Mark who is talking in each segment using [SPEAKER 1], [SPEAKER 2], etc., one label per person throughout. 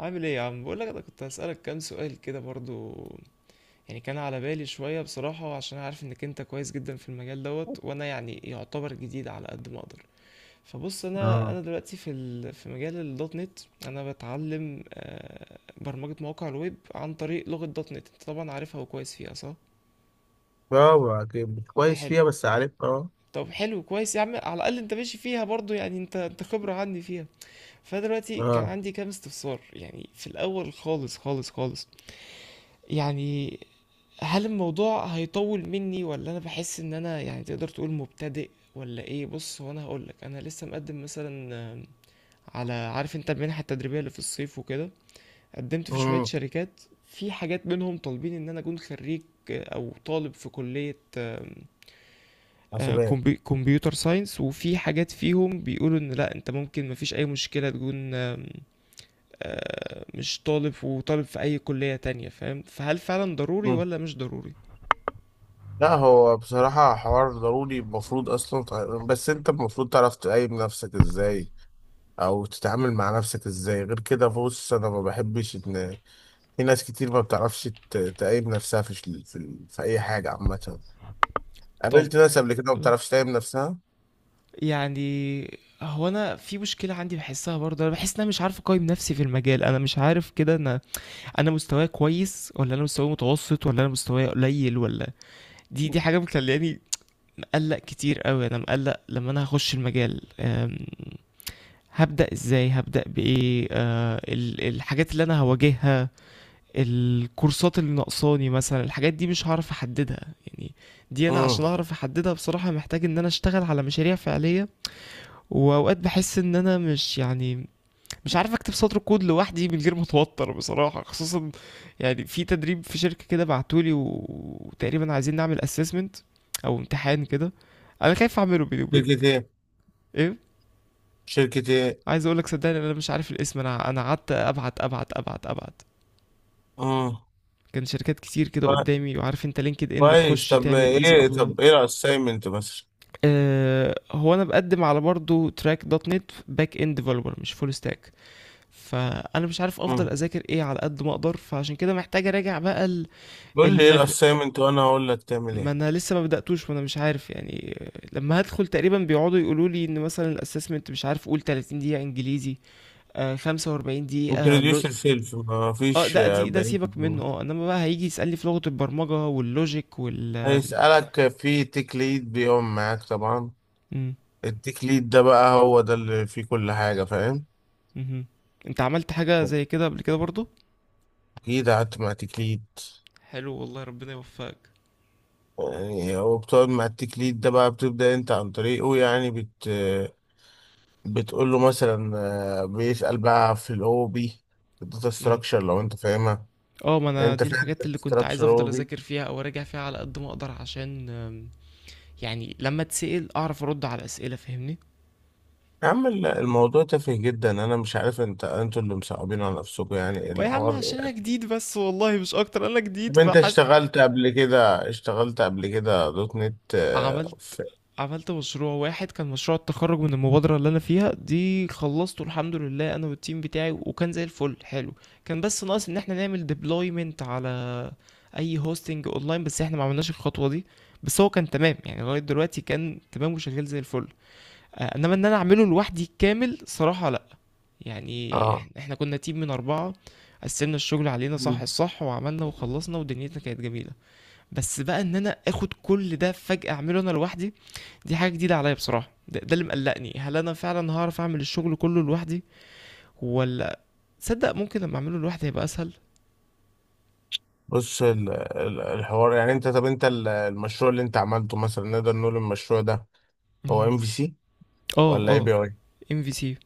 [SPEAKER 1] عامل ايه يا عم؟ بقول لك انا كنت هسألك كام سؤال كده برضو، يعني كان على بالي شوية بصراحة عشان عارف انك انت كويس جدا في المجال دوت، وانا يعني يعتبر جديد على قد ما اقدر. فبص، انا
[SPEAKER 2] اه.
[SPEAKER 1] انا دلوقتي في في مجال الدوت نت. انا بتعلم برمجة مواقع الويب عن طريق لغة دوت نت، انت طبعا عارفها وكويس فيها صح؟
[SPEAKER 2] برافو عليك، كويس
[SPEAKER 1] حلو.
[SPEAKER 2] فيها، بس عارف، اه
[SPEAKER 1] طب حلو، كويس يا عم، على الاقل انت ماشي فيها برضو، يعني انت خبرة عني فيها. فدلوقتي كان
[SPEAKER 2] اه.
[SPEAKER 1] عندي كام استفسار، يعني في الاول خالص خالص خالص، يعني هل الموضوع هيطول مني، ولا انا بحس ان انا يعني تقدر تقول مبتدئ، ولا ايه؟ بص، هو انا هقولك، انا لسه مقدم مثلا، على، عارف انت المنحه التدريبيه اللي في الصيف وكده؟ قدمت في شويه
[SPEAKER 2] امم.
[SPEAKER 1] شركات، في حاجات منهم طالبين ان انا اكون خريج، او طالب في كليه،
[SPEAKER 2] حاسبات.
[SPEAKER 1] كمبيوتر ساينس. وفي حاجات فيهم بيقولوا ان لا، انت ممكن مفيش اي مشكله تكون آم، آه، مش طالب، وطالب في اي كليه تانية، فاهم فهل فعلا ضروري
[SPEAKER 2] مم.
[SPEAKER 1] ولا مش ضروري؟
[SPEAKER 2] لا، هو بصراحة حوار ضروري، المفروض أصلا بس أنت المفروض تعرف تقيم نفسك إزاي، أو تتعامل مع نفسك إزاي. غير كده، بص، أنا ما بحبش إن في ناس كتير ما بتعرفش تقيم نفسها في في أي حاجة عامة.
[SPEAKER 1] طب
[SPEAKER 2] قابلت ناس قبل كده ما بتعرفش تقيم نفسها.
[SPEAKER 1] يعني، هو انا في مشكله عندي بحسها برضه، انا بحس ان انا مش عارف اقيم نفسي في المجال، انا مش عارف كده، انا انا مستواي كويس ولا انا مستواي متوسط ولا انا مستواي قليل ولا. دي دي حاجه مخلياني مقلق كتير قوي، انا مقلق لما انا هخش المجال، هبدا ازاي، هبدا بايه، الحاجات اللي انا هواجهها، الكورسات اللي ناقصاني مثلا، الحاجات دي مش هعرف احددها يعني. دي انا
[SPEAKER 2] امم.
[SPEAKER 1] عشان اعرف احددها بصراحه محتاج ان انا اشتغل على مشاريع فعليه. وأوقات باحس إن أنا مش يعني، مش عارف أكتب سطر كود لوحدي من غير ما أتوتر بصراحة، خصوصًا يعني في تدريب في شركة كده بعتوه لي، وتقريبًا عايزين نعمل assessment أو امتحان كده، أنا خايف أعمله بيني وبينك.
[SPEAKER 2] شركة ايه؟
[SPEAKER 1] إيه،
[SPEAKER 2] شركة ايه؟
[SPEAKER 1] عايز أقول لك صدقني أنا مش عارف الاسم. أنا قعدت أبعت.
[SPEAKER 2] امم.
[SPEAKER 1] كان شركات كتير كده قدامي، وعارف أنت LinkedIn
[SPEAKER 2] كويس،
[SPEAKER 1] بتخش
[SPEAKER 2] طب
[SPEAKER 1] تعمل easy
[SPEAKER 2] ايه
[SPEAKER 1] apply.
[SPEAKER 2] طب ايه الاسايمنت مثلا؟
[SPEAKER 1] هو أنا باقدم على برضه track .NET back end developer، مش full stack. فانا مش عارف افضل
[SPEAKER 2] مم.
[SPEAKER 1] اذاكر ايه على قد ما اقدر، فعشان كده محتاج اراجع بقى
[SPEAKER 2] قول لي ايه
[SPEAKER 1] المب...
[SPEAKER 2] الاسايمنت وانا اقول لك تعمل
[SPEAKER 1] ما
[SPEAKER 2] ايه.
[SPEAKER 1] انا لسه ما بداتوش، وانا مش عارف يعني. لما هدخل تقريبا بيقعدوا يقولوا لي ان مثلا الاسسمنت، مش عارف، قول 30 دقيقه انجليزي، آه 45 دقيقه،
[SPEAKER 2] بتريديوس سيلف، ما
[SPEAKER 1] اه
[SPEAKER 2] فيش
[SPEAKER 1] ده، دي ده سيبك منه،
[SPEAKER 2] 40%.
[SPEAKER 1] اه، انما بقى هيجي يسالني في لغه البرمجه واللوجيك وال.
[SPEAKER 2] هيسألك في تيك ليد بيقوم معاك طبعا.
[SPEAKER 1] مم.
[SPEAKER 2] التيك ليد ده بقى هو ده اللي فيه كل حاجة، فاهم؟
[SPEAKER 1] مهم. انت عملت حاجه زي كده قبل كده برضو؟
[SPEAKER 2] اكيد قعدت مع تيك ليد.
[SPEAKER 1] حلو والله، ربنا يوفقك.
[SPEAKER 2] يعني هو بتقعد مع التيك ليد ده بقى بتبدأ انت عن طريقه، يعني بتقول له مثلا، بيسأل بقى في الاو بي، الداتا
[SPEAKER 1] مم.
[SPEAKER 2] ستراكشر، لو انت فاهمها.
[SPEAKER 1] اه، ما انا
[SPEAKER 2] انت
[SPEAKER 1] دي
[SPEAKER 2] فاهم
[SPEAKER 1] الحاجات اللي كنت عايز
[SPEAKER 2] الاستراكشر
[SPEAKER 1] افضل
[SPEAKER 2] اوبي؟
[SPEAKER 1] اذاكر فيها او اراجع فيها على قد ما اقدر، عشان يعني لما اتسأل اعرف ارد على اسئله، فاهمني؟
[SPEAKER 2] يا عم، الموضوع تافه جدا، انا مش عارف انتوا اللي مصعبين على نفسكم يعني
[SPEAKER 1] يا عم
[SPEAKER 2] الحوار
[SPEAKER 1] عشان انا
[SPEAKER 2] يعني.
[SPEAKER 1] جديد بس والله، مش اكتر، انا جديد
[SPEAKER 2] طب انت
[SPEAKER 1] فحس.
[SPEAKER 2] اشتغلت قبل كده دوت نت؟ اه
[SPEAKER 1] عملت،
[SPEAKER 2] في.
[SPEAKER 1] عملت مشروع واحد، كان مشروع التخرج من المبادرة اللي أنا فيها دي، خلصته الحمد لله أنا والتيم بتاعي، وكان زي الفل، حلو. كان بس ناقص إن احنا نعمل deployment على أي هوستنج أونلاين، بس احنا ما عملناش الخطوة دي. بس هو كان تمام يعني، لغاية دلوقتي كان تمام وشغال زي الفل. إنما إن أنا أعمله لوحدي كامل، صراحة لأ. يعني إحنا
[SPEAKER 2] اه.
[SPEAKER 1] إحنا كنا تيم من أربعة، قسمنا الشغل علينا صح
[SPEAKER 2] مم.
[SPEAKER 1] الصح، وعملنا وخلصنا ودنيتنا كانت جميلة. بس بقى إن أنا آخد كل ده فجأة أعمله أنا لوحدي، دي حاجة جديدة عليا بصراحة. ده اللي مقلقني، هل أنا فعلا هعرف أعمل الشغل كله لوحدي، ولا. تصدق ممكن لما أعمله لوحدي هيبقى أسهل.
[SPEAKER 2] بص، الحوار يعني انت، طب انت المشروع اللي انت عملته مثلا، نقدر نقول المشروع ده هو
[SPEAKER 1] مهم.
[SPEAKER 2] ام في سي
[SPEAKER 1] اه
[SPEAKER 2] ولا اي
[SPEAKER 1] اه.
[SPEAKER 2] بي اي؟
[SPEAKER 1] ام في سي.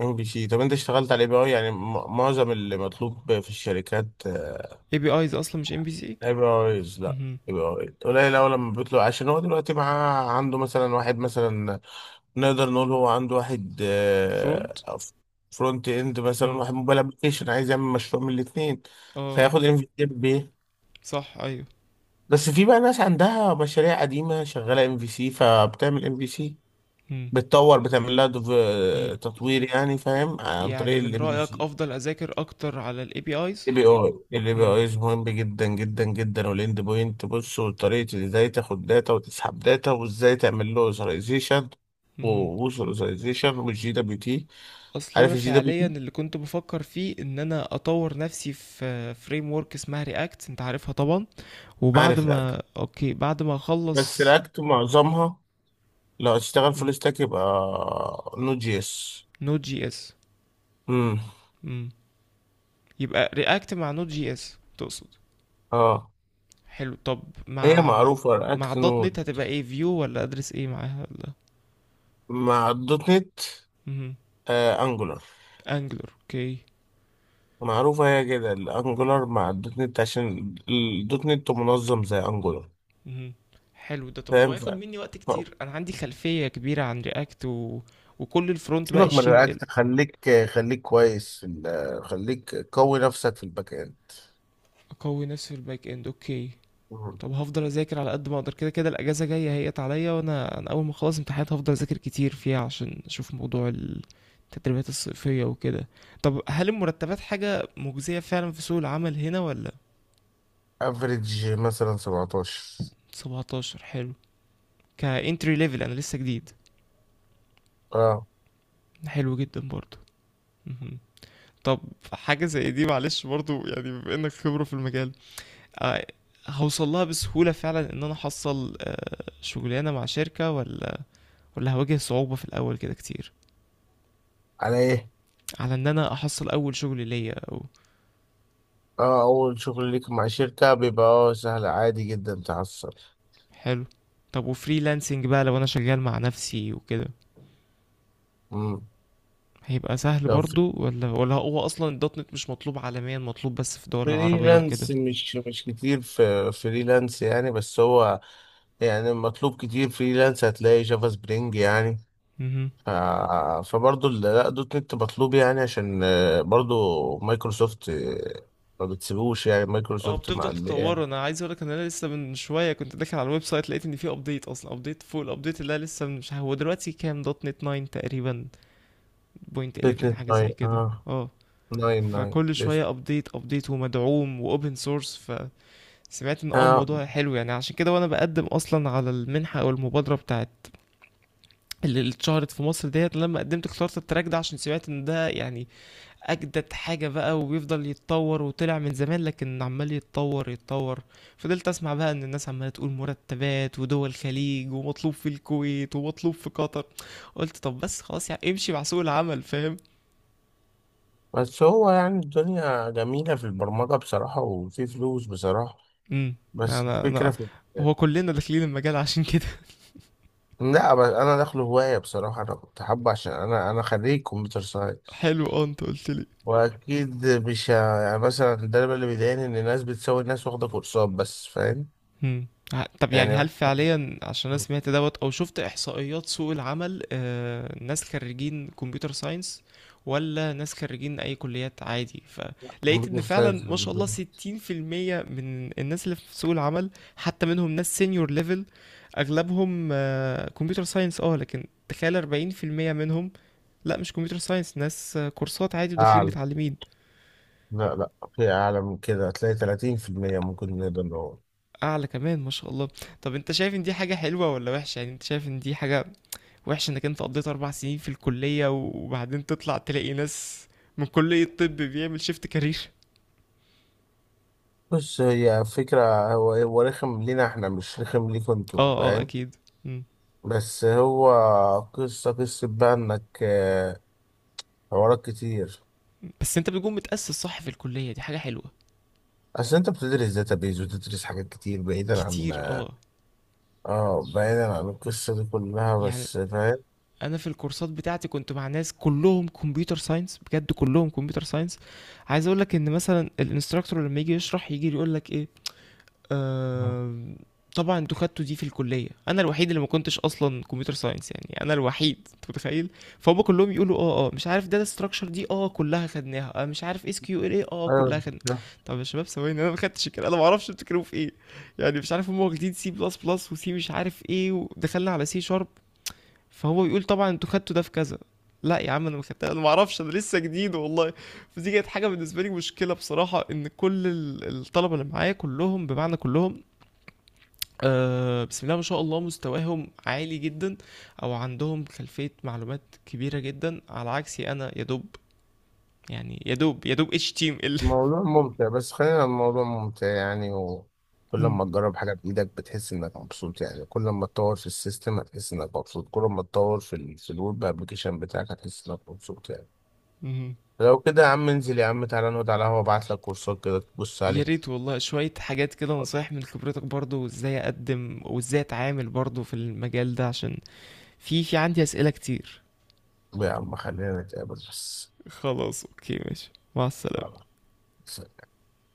[SPEAKER 2] ام في سي. طب انت اشتغلت على اي بي اي يعني؟ معظم اللي مطلوب في الشركات.
[SPEAKER 1] اي بي ايز اصلا مش ام في سي.
[SPEAKER 2] ابراهيم، لا. ابراهيم قليل أوي لما بيطلع، عشان هو دلوقتي معاه، عنده مثلا واحد مثلا، نقدر نقول هو عنده واحد
[SPEAKER 1] فرونت.
[SPEAKER 2] فرونت اند، مثلا
[SPEAKER 1] اه.
[SPEAKER 2] واحد موبايل ابلكيشن، عايز يعمل مشروع من الاثنين،
[SPEAKER 1] اه.
[SPEAKER 2] فياخد ام في سي بايه؟
[SPEAKER 1] صح ايوه.
[SPEAKER 2] بس في بقى ناس عندها مشاريع قديمة شغالة ام في سي، فبتعمل ام في سي،
[SPEAKER 1] مم.
[SPEAKER 2] بتطور، بتعمل لها
[SPEAKER 1] ي-
[SPEAKER 2] تطوير، يعني فاهم، عن طريق
[SPEAKER 1] يعني من
[SPEAKER 2] الام في
[SPEAKER 1] رأيك
[SPEAKER 2] سي.
[SPEAKER 1] افضل اذاكر اكتر على الاي بي ايز؟
[SPEAKER 2] الاي بي اي مهم جدا جدا جدا، والاند بوينت. بص، وطريقه ازاي تاخد داتا وتسحب داتا، وازاي تعمل له اوثرايزيشن، ووصل اوثرايزيشن والجي دبليو تي.
[SPEAKER 1] اصلا انا
[SPEAKER 2] عارف الجي دبليو
[SPEAKER 1] فعليا
[SPEAKER 2] تي؟
[SPEAKER 1] اللي كنت بفكر فيه ان انا اطور نفسي في فريم ورك اسمها رياكت، انت عارفها طبعا. وبعد
[SPEAKER 2] عارف رياكت؟
[SPEAKER 1] ما اوكي، بعد ما
[SPEAKER 2] بس
[SPEAKER 1] اخلص.
[SPEAKER 2] رياكت معظمها، لو هتشتغل فول ستاك يبقى نود جي اس.
[SPEAKER 1] نوت جي اس.
[SPEAKER 2] امم.
[SPEAKER 1] يبقى رياكت مع نوت جي اس تقصد؟
[SPEAKER 2] اه.
[SPEAKER 1] حلو. طب
[SPEAKER 2] هي
[SPEAKER 1] مع مع,
[SPEAKER 2] معروفه،
[SPEAKER 1] مع
[SPEAKER 2] رياكت
[SPEAKER 1] دوت
[SPEAKER 2] نود.
[SPEAKER 1] نت هتبقى ايه؟ فيو ولا ادرس ايه معاها ولا؟
[SPEAKER 2] مع الدوت نت،
[SPEAKER 1] مم.
[SPEAKER 2] انجولار.
[SPEAKER 1] انجلر، اوكي.
[SPEAKER 2] معروفه هي كده الانجولار مع الدوت نت، عشان الدوت نت منظم زي انجولار،
[SPEAKER 1] مم. حلو ده. طب هو
[SPEAKER 2] فاهم؟
[SPEAKER 1] ياخد مني وقت
[SPEAKER 2] ف-
[SPEAKER 1] كتير؟ انا عندي خلفية كبيرة عن رياكت و... وكل الفرونت بقى،
[SPEAKER 2] سيبك من
[SPEAKER 1] اتش تي ام ال.
[SPEAKER 2] الرياكت، خليك قوي نفسك في الباك اند.
[SPEAKER 1] اقوي نفسي في الباك اند، اوكي. طب هفضل اذاكر على قد ما اقدر، كده كده الاجازه جايه هيت عليا، وانا انا اول ما اخلص امتحانات هفضل اذاكر كتير فيها، عشان اشوف موضوع التدريبات الصيفيه وكده. طب هل المرتبات حاجه مجزيه فعلا في سوق العمل هنا ولا؟
[SPEAKER 2] افريج مثلا 17.
[SPEAKER 1] 17، حلو. كانتري ليفل، انا لسه جديد.
[SPEAKER 2] اه.
[SPEAKER 1] حلو جدا برضو. مهم. طب حاجه زي دي معلش برضو، يعني بما انك خبره في المجال، آه، هوصل لها بسهوله فعلا ان انا احصل شغلانه مع شركه ولا؟ ولا هواجه صعوبه في الاول كده كتير؟
[SPEAKER 2] على ايه؟
[SPEAKER 1] على ان انا احصل اول شغل ليا او.
[SPEAKER 2] اه، اول شغل ليك مع شركة بيبقى سهل، عادي جدا تحصل.
[SPEAKER 1] حلو. طب وفريلانسنج بقى لو انا شغال مع نفسي وكده
[SPEAKER 2] مم.
[SPEAKER 1] هيبقى سهل
[SPEAKER 2] لو في
[SPEAKER 1] برضو ولا هو اصلا الدوت نت مش مطلوب عالميا، مطلوب بس في الدول العربية وكده؟
[SPEAKER 2] فريلانس، مش كتير في فريلانس يعني. بس هو يعني مطلوب كتير فريلانس، هتلاقي جافا سبرينج يعني.
[SPEAKER 1] مهم.
[SPEAKER 2] ف- فبرضه لا، دوت نت مطلوب يعني، عشان برضه مايكروسوفت، ما بتسيبوش يعني،
[SPEAKER 1] اه
[SPEAKER 2] مايكروسوفت مع
[SPEAKER 1] بتفضل
[SPEAKER 2] ال
[SPEAKER 1] تطوره.
[SPEAKER 2] يعني.
[SPEAKER 1] انا عايز اقولك ان انا لسه من شويه كنت داخل على الويب سايت، لقيت ان في ابديت اصلا، ابديت فوق الابديت اللي أنا لسه مش هو دلوقتي كام دوت نت؟ 9 تقريبا، بوينت
[SPEAKER 2] دوت
[SPEAKER 1] 11
[SPEAKER 2] نت
[SPEAKER 1] حاجه زي
[SPEAKER 2] ناين،
[SPEAKER 1] كده
[SPEAKER 2] اه.
[SPEAKER 1] اه.
[SPEAKER 2] ناين ناين
[SPEAKER 1] فكل
[SPEAKER 2] لسه.
[SPEAKER 1] شويه ابديت ابديت، ومدعوم واوبن سورس. سمعت ان اه
[SPEAKER 2] آه.
[SPEAKER 1] الموضوع حلو يعني. عشان كده وانا بقدم اصلا على المنحة، او المبادرة بتاعت، اللي اللي اتشهرت في مصر ديت، لما قدمت اخترت التراك ده، عشان سمعت ان ده يعني اجدد حاجة بقى، وبيفضل يتطور، وطلع من زمان لكن عمال يتطور يتطور. فضلت اسمع بقى ان الناس عمالة تقول مرتبات، ودول الخليج، ومطلوب في الكويت، ومطلوب في قطر. قلت طب بس خلاص يعني، امشي مع سوق العمل، فاهم.
[SPEAKER 2] بس هو يعني الدنيا جميلة في البرمجة بصراحة، وفي فلوس بصراحة.
[SPEAKER 1] امم.
[SPEAKER 2] بس
[SPEAKER 1] انا
[SPEAKER 2] الفكرة
[SPEAKER 1] انا
[SPEAKER 2] في.
[SPEAKER 1] هو كلنا داخلين المجال عشان كده.
[SPEAKER 2] لا، بس أنا داخله هواية بصراحة، أنا كنت حابه، عشان أنا خريج كمبيوتر ساينس،
[SPEAKER 1] حلو، اه انت قلت.
[SPEAKER 2] وأكيد مش يعني، مثلا ده اللي بيضايقني، إن الناس بتساوي الناس واخدة كورسات بس، فاهم؟
[SPEAKER 1] مم. طب يعني هل
[SPEAKER 2] يعني
[SPEAKER 1] فعليا، عشان انا سمعت دوت او شفت احصائيات سوق العمل، ناس خريجين كمبيوتر ساينس ولا ناس خريجين اي كليات عادي؟ فلقيت ان
[SPEAKER 2] كمبيوتر ساينس.
[SPEAKER 1] فعلا ما شاء الله 60% من الناس اللي في سوق العمل، حتى منهم ناس سينيور ليفل، اغلبهم كمبيوتر ساينس اه، لكن تخيل 40% منهم لا مش كمبيوتر ساينس، ناس كورسات عادي وداخلين
[SPEAKER 2] أعلى.
[SPEAKER 1] متعلمين.
[SPEAKER 2] لا لا، في أعلى من كده، هتلاقي 30% ممكن نقدر نقول.
[SPEAKER 1] اعلى كمان ما شاء الله. طب انت شايف ان دي حاجة حلوة ولا وحشة؟ يعني انت شايف ان دي حاجة وحش انك انت قضيت اربع سنين في الكليه، وبعدين تطلع تلاقي ناس من كليه الطب بيعمل شيفت كارير؟
[SPEAKER 2] بص، هي فكرة، هو رخم لينا احنا، مش رخم ليكم انتوا،
[SPEAKER 1] اه اه
[SPEAKER 2] فاهم؟
[SPEAKER 1] اكيد. مم.
[SPEAKER 2] بس هو، قصة بقى انك، حوارات كتير.
[SPEAKER 1] بس انت بتكون متاسس صح في الكليه، دي حاجه حلوه.
[SPEAKER 2] أصل أنت بتدرس داتابيز وتدرس حاجات كتير بعيدا عن،
[SPEAKER 1] كتير اه.
[SPEAKER 2] اه بعيدا عن القصة دي كلها،
[SPEAKER 1] يعني
[SPEAKER 2] بس فاهم.
[SPEAKER 1] انا في الكورسات بتاعتي كنت مع ناس كلهم كمبيوتر ساينس، بجد كلهم كمبيوتر ساينس. عايز اقول لك ان مثلا الانستراكتور لما يجي يشرح يجي يقول لك ايه، آم، طبعا انتوا خدتوا دي في الكليه، انا الوحيد اللي ما كنتش اصلا كمبيوتر ساينس، يعني انا الوحيد، انت متخيل؟ فهم كلهم يقولوا اه اه، مش عارف داتا ستراكشر دي اه كلها خدناها، آه مش عارف اس كيو ال ايه، اه كلها
[SPEAKER 2] أيوة.
[SPEAKER 1] خدنا. طب يا شباب ثواني، انا ما خدتش الكلام، انا ما اعرفش بتتكلموا في ايه، يعني مش عارف هم واخدين سي بلس بلس وسي مش عارف ايه، ودخلنا على سي شارب. فهو يقول طبعا انتوا خدتوا ده في كذا. لا يا عم، انا ما خدتها، انا ما اعرفش، انا لسه جديد والله. فدي كانت حاجه بالنسبه لي مشكله بصراحه، ان كل الطلبه اللي معايا كلهم بمعنى كلهم بسم الله ما شاء الله مستواهم عالي جدا، او عندهم خلفية معلومات كبيرة جدا على عكسي انا، يا دوب يعني، يا دوب اتش تيم ال.
[SPEAKER 2] الموضوع ممتع، بس خلينا الموضوع ممتع يعني، وكل ما تجرب حاجة بإيدك بتحس إنك مبسوط يعني، كل ما تطور في السيستم هتحس إنك مبسوط، كل ما تطور في ال في الويب أبلكيشن بتاعك هتحس إنك مبسوط يعني. لو كده يا عم انزل، يا عم تعالى نقعد على القهوة، أبعت لك كورسات كده تبص
[SPEAKER 1] يا
[SPEAKER 2] عليها.
[SPEAKER 1] ريت والله، شوية حاجات كده، نصايح من خبرتك برضو، ازاي اقدم وازاي اتعامل برضو في المجال ده، عشان في عندي اسئلة كتير.
[SPEAKER 2] يا عم خلينا نتقابل بس.
[SPEAKER 1] خلاص اوكي، ماشي، مع السلامة.
[SPEAKER 2] يلا، سلام.